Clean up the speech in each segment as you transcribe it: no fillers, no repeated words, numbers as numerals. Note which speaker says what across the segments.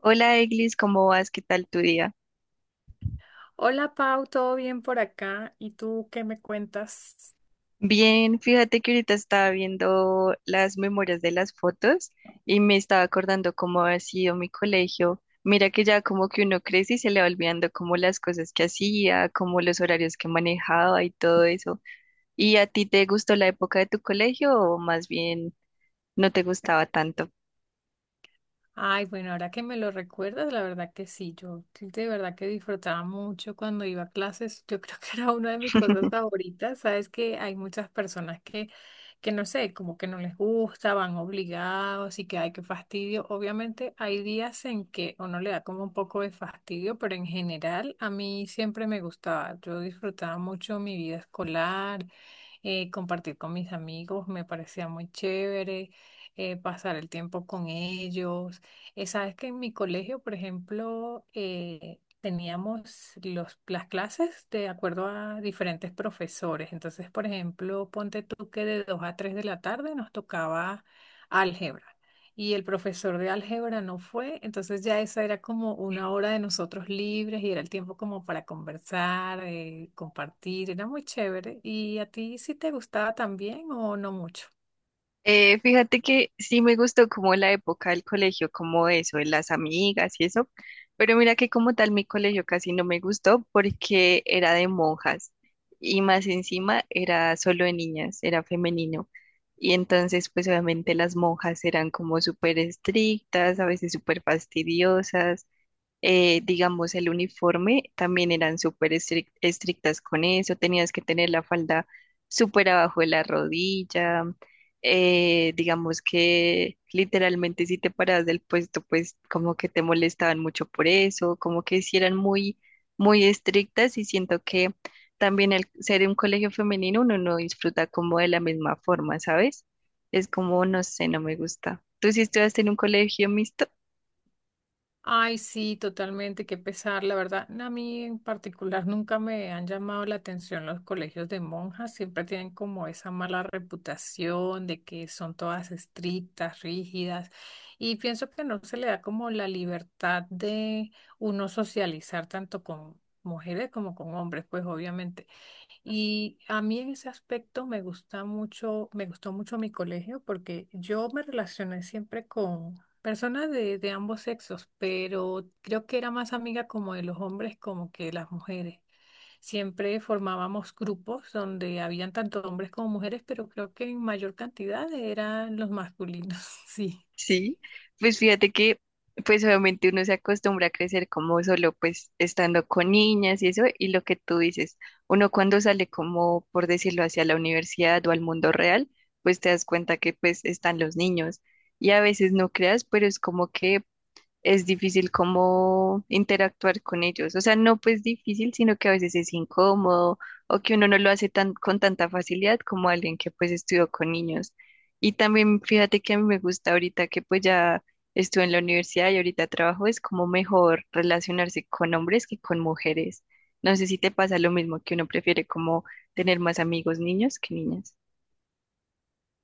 Speaker 1: Hola Eglis, ¿cómo vas? ¿Qué tal tu día?
Speaker 2: Hola Pau, ¿todo bien por acá? ¿Y tú qué me cuentas?
Speaker 1: Bien, fíjate que ahorita estaba viendo las memorias de las fotos y me estaba acordando cómo ha sido mi colegio. Mira que ya como que uno crece y se le va olvidando como las cosas que hacía, como los horarios que manejaba y todo eso. ¿Y a ti te gustó la época de tu colegio o más bien no te gustaba tanto?
Speaker 2: Ay, bueno, ahora que me lo recuerdas, la verdad que sí, yo de verdad que disfrutaba mucho cuando iba a clases. Yo creo que era una de mis cosas favoritas. Sabes que hay muchas personas que no sé, como que no les gusta, van obligados y que hay, que fastidio. Obviamente hay días en que uno le da como un poco de fastidio, pero en general a mí siempre me gustaba. Yo disfrutaba mucho mi vida escolar, compartir con mis amigos, me parecía muy chévere, pasar el tiempo con ellos. Sabes que en mi colegio, por ejemplo, teníamos las clases de acuerdo a diferentes profesores. Entonces, por ejemplo, ponte tú que de 2 a 3 de la tarde nos tocaba álgebra y el profesor de álgebra no fue. Entonces ya esa era como una hora de nosotros libres y era el tiempo como para conversar, compartir. Era muy chévere. ¿Y a ti sí te gustaba también o no mucho?
Speaker 1: Fíjate que sí me gustó como la época del colegio, como eso, de las amigas y eso, pero mira que como tal mi colegio casi no me gustó porque era de monjas y más encima era solo de niñas, era femenino. Y entonces pues obviamente las monjas eran como súper estrictas, a veces súper fastidiosas, digamos, el uniforme, también eran estrictas con eso, tenías que tener la falda súper abajo de la rodilla, digamos que literalmente si te parabas del puesto, pues como que te molestaban mucho por eso, como que sí eran muy estrictas y siento que también al ser un colegio femenino uno no disfruta como de la misma forma, ¿sabes? Es como, no sé, no me gusta. ¿Tú sí estudiaste en un colegio mixto?
Speaker 2: Ay, sí, totalmente, qué pesar, la verdad. No, a mí en particular nunca me han llamado la atención los colegios de monjas, siempre tienen como esa mala reputación de que son todas estrictas, rígidas, y pienso que no se le da como la libertad de uno socializar tanto con mujeres como con hombres, pues obviamente. Y a mí en ese aspecto me gusta mucho, me gustó mucho mi colegio, porque yo me relacioné siempre con personas de ambos sexos, pero creo que era más amiga como de los hombres como que de las mujeres. Siempre formábamos grupos donde habían tanto hombres como mujeres, pero creo que en mayor cantidad eran los masculinos. Sí.
Speaker 1: Sí, pues fíjate que pues obviamente uno se acostumbra a crecer como solo pues estando con niñas y eso, y lo que tú dices, uno cuando sale como por decirlo hacia la universidad o al mundo real, pues te das cuenta que pues están los niños y a veces no creas, pero es como que es difícil como interactuar con ellos. O sea, no pues difícil, sino que a veces es incómodo o que uno no lo hace tan, con tanta facilidad como alguien que pues estudió con niños. Y también fíjate que a mí me gusta ahorita que pues ya estuve en la universidad y ahorita trabajo, es como mejor relacionarse con hombres que con mujeres. No sé si te pasa lo mismo, que uno prefiere como tener más amigos niños que niñas.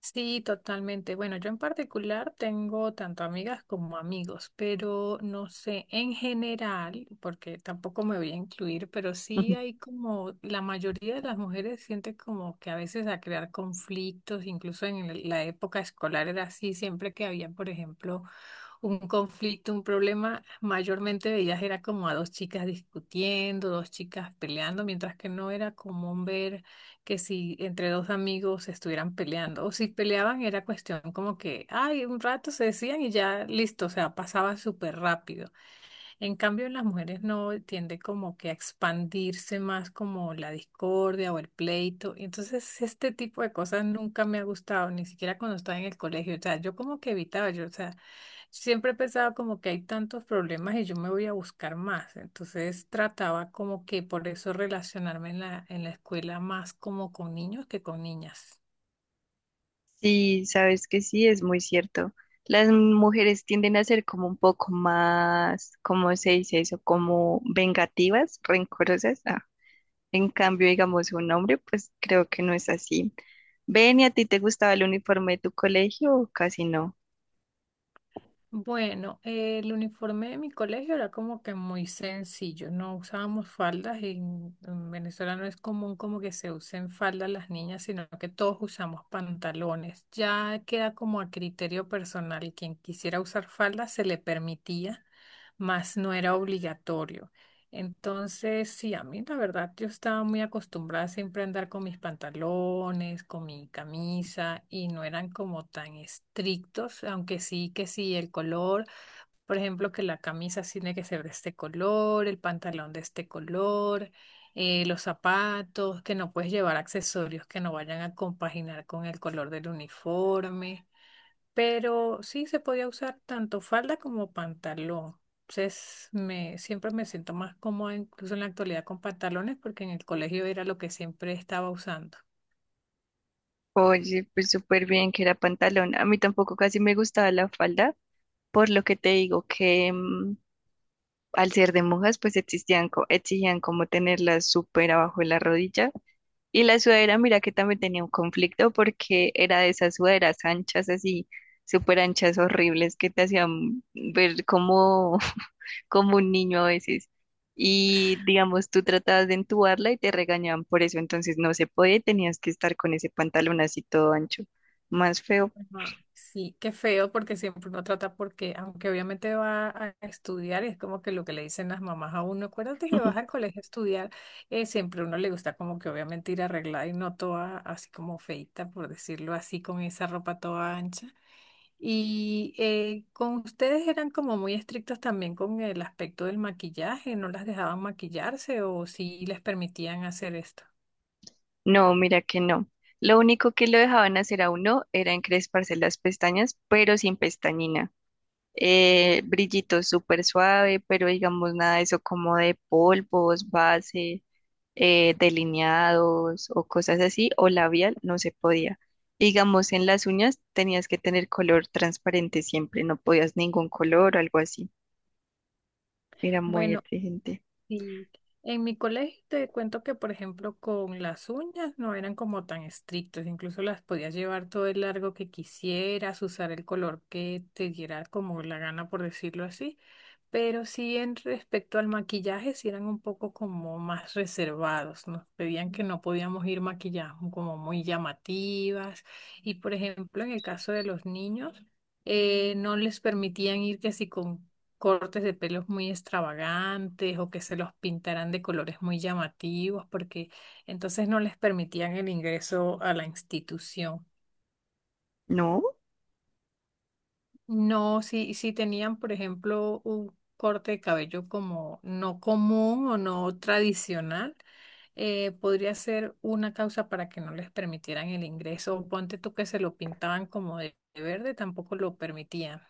Speaker 2: Sí, totalmente. Bueno, yo en particular tengo tanto amigas como amigos, pero no sé, en general, porque tampoco me voy a incluir, pero sí hay como, la mayoría de las mujeres siente como que a veces a crear conflictos, incluso en la época escolar era así. Siempre que había, por ejemplo, un conflicto, un problema, mayormente veías era como a dos chicas discutiendo, dos chicas peleando, mientras que no era común ver que si entre dos amigos estuvieran peleando, o si peleaban era cuestión como que, ay, un rato se decían y ya listo, o sea, pasaba súper rápido. En cambio, en las mujeres no tiende como que a expandirse más como la discordia o el pleito. Y entonces, este tipo de cosas nunca me ha gustado, ni siquiera cuando estaba en el colegio. O sea, yo como que evitaba, yo, o sea, siempre he pensado como que hay tantos problemas y yo me voy a buscar más. Entonces trataba como que por eso relacionarme en la escuela más como con niños que con niñas.
Speaker 1: Sí, sabes que sí, es muy cierto. Las mujeres tienden a ser como un poco más, ¿cómo se dice eso? Como vengativas, rencorosas. Ah, en cambio, digamos, un hombre, pues creo que no es así. Ven, ¿y a ti te gustaba el uniforme de tu colegio o casi no?
Speaker 2: Bueno, el uniforme de mi colegio era como que muy sencillo. No usábamos faldas y en Venezuela no es común como que se usen faldas las niñas, sino que todos usamos pantalones. Ya queda como a criterio personal. Quien quisiera usar faldas se le permitía, mas no era obligatorio. Entonces, sí, a mí la verdad, yo estaba muy acostumbrada siempre a andar con mis pantalones, con mi camisa, y no eran como tan estrictos, aunque sí que sí, el color, por ejemplo, que la camisa sí tiene que ser de este color, el pantalón de este color, los zapatos, que no puedes llevar accesorios que no vayan a compaginar con el color del uniforme. Pero sí se podía usar tanto falda como pantalón. Entonces, me, siempre me siento más cómoda, incluso en la actualidad, con pantalones, porque en el colegio era lo que siempre estaba usando.
Speaker 1: Oye, pues súper bien que era pantalón. A mí tampoco casi me gustaba la falda, por lo que te digo que al ser de monjas, pues existían, exigían como tenerla súper abajo de la rodilla. Y la sudadera, mira que también tenía un conflicto porque era de esas sudaderas anchas, así, súper anchas, horribles, que te hacían ver como, como un niño a veces. Y digamos, tú tratabas de entubarla y te regañaban por eso, entonces no se podía y tenías que estar con ese pantalón así todo ancho, más feo.
Speaker 2: Ajá. Sí, qué feo, porque siempre uno trata, porque aunque obviamente va a estudiar, es como que lo que le dicen las mamás a uno, acuérdate que vas al colegio a estudiar, siempre a uno le gusta como que obviamente ir arreglada y no toda así como feita, por decirlo así, con esa ropa toda ancha. Y con ustedes eran como muy estrictos también con el aspecto del maquillaje, no las dejaban maquillarse o si les permitían hacer esto.
Speaker 1: No, mira que no. Lo único que lo dejaban hacer a uno era encresparse las pestañas, pero sin pestañina. Brillito súper suave, pero digamos nada de eso como de polvos, base, delineados o cosas así, o labial, no se podía. Digamos, en las uñas tenías que tener color transparente siempre, no podías ningún color o algo así. Era muy
Speaker 2: Bueno.
Speaker 1: exigente.
Speaker 2: Sí, en mi colegio te cuento que, por ejemplo, con las uñas no eran como tan estrictos, incluso las podías llevar todo el largo que quisieras, usar el color que te diera como la gana, por decirlo así, pero sí en respecto al maquillaje, sí eran un poco como más reservados, nos pedían que no podíamos ir maquilladas como muy llamativas y, por ejemplo, en el caso de los niños, no les permitían ir que si con cortes de pelos muy extravagantes o que se los pintaran de colores muy llamativos, porque entonces no les permitían el ingreso a la institución.
Speaker 1: No,
Speaker 2: No, si, si tenían, por ejemplo, un corte de cabello como no común o no tradicional, podría ser una causa para que no les permitieran el ingreso. O ponte tú que se lo pintaban como de verde, tampoco lo permitían.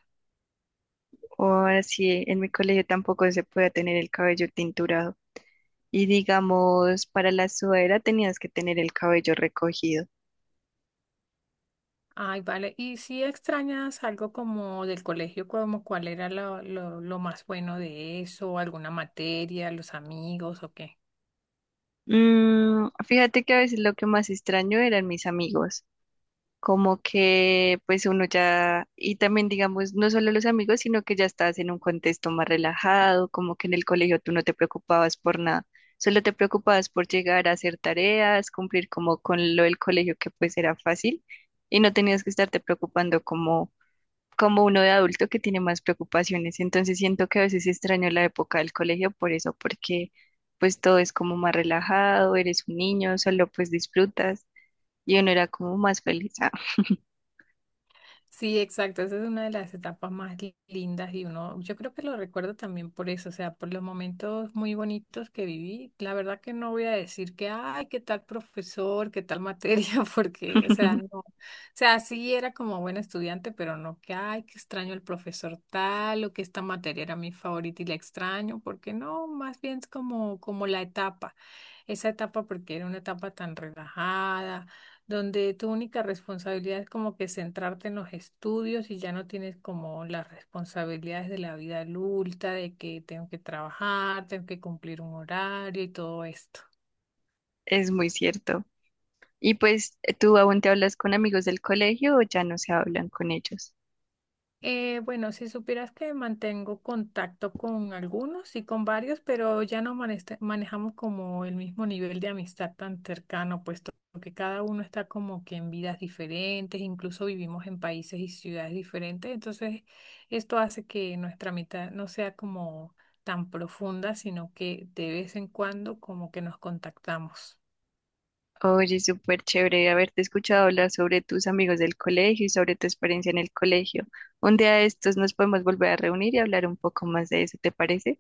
Speaker 1: o así en mi colegio tampoco se podía tener el cabello tinturado. Y digamos, para la sudadera tenías que tener el cabello recogido.
Speaker 2: Ay, vale. ¿Y si extrañas algo como del colegio, como cuál era lo más bueno de eso, alguna materia, los amigos o qué?
Speaker 1: Mm, fíjate que a veces lo que más extraño eran mis amigos, como que pues uno ya, y también digamos, no solo los amigos, sino que ya estás en un contexto más relajado, como que en el colegio tú no te preocupabas por nada, solo te preocupabas por llegar a hacer tareas, cumplir como con lo del colegio que pues era fácil y no tenías que estarte preocupando como como uno de adulto que tiene más preocupaciones. Entonces siento que a veces extraño la época del colegio por eso, porque pues todo es como más relajado, eres un niño, solo pues disfrutas y uno era como más feliz. Ah,
Speaker 2: Sí, exacto. Esa es una de las etapas más lindas y uno, yo creo que lo recuerdo también por eso, o sea, por los momentos muy bonitos que viví. La verdad que no voy a decir que, ay, qué tal profesor, qué tal materia, porque, o sea, no. O sea, sí era como buena estudiante, pero no que, ay, que extraño el profesor tal o que esta materia era mi favorita y la extraño, porque no, más bien es como, como la etapa, esa etapa porque era una etapa tan relajada donde tu única responsabilidad es como que centrarte en los estudios y ya no tienes como las responsabilidades de la vida adulta, de que tengo que trabajar, tengo que cumplir un horario y todo esto.
Speaker 1: es muy cierto. Y pues, ¿tú aún te hablas con amigos del colegio o ya no se hablan con ellos?
Speaker 2: Bueno, si supieras que mantengo contacto con algunos y con varios, pero ya no manejamos como el mismo nivel de amistad tan cercano, puesto que cada uno está como que en vidas diferentes, incluso vivimos en países y ciudades diferentes, entonces esto hace que nuestra amistad no sea como tan profunda, sino que de vez en cuando como que nos contactamos.
Speaker 1: Oye, súper chévere haberte escuchado hablar sobre tus amigos del colegio y sobre tu experiencia en el colegio. Un día de estos nos podemos volver a reunir y hablar un poco más de eso, ¿te parece?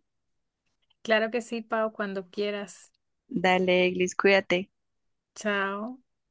Speaker 2: Claro que sí, Pau, cuando quieras.
Speaker 1: Dale, Eglis, cuídate.
Speaker 2: Chao.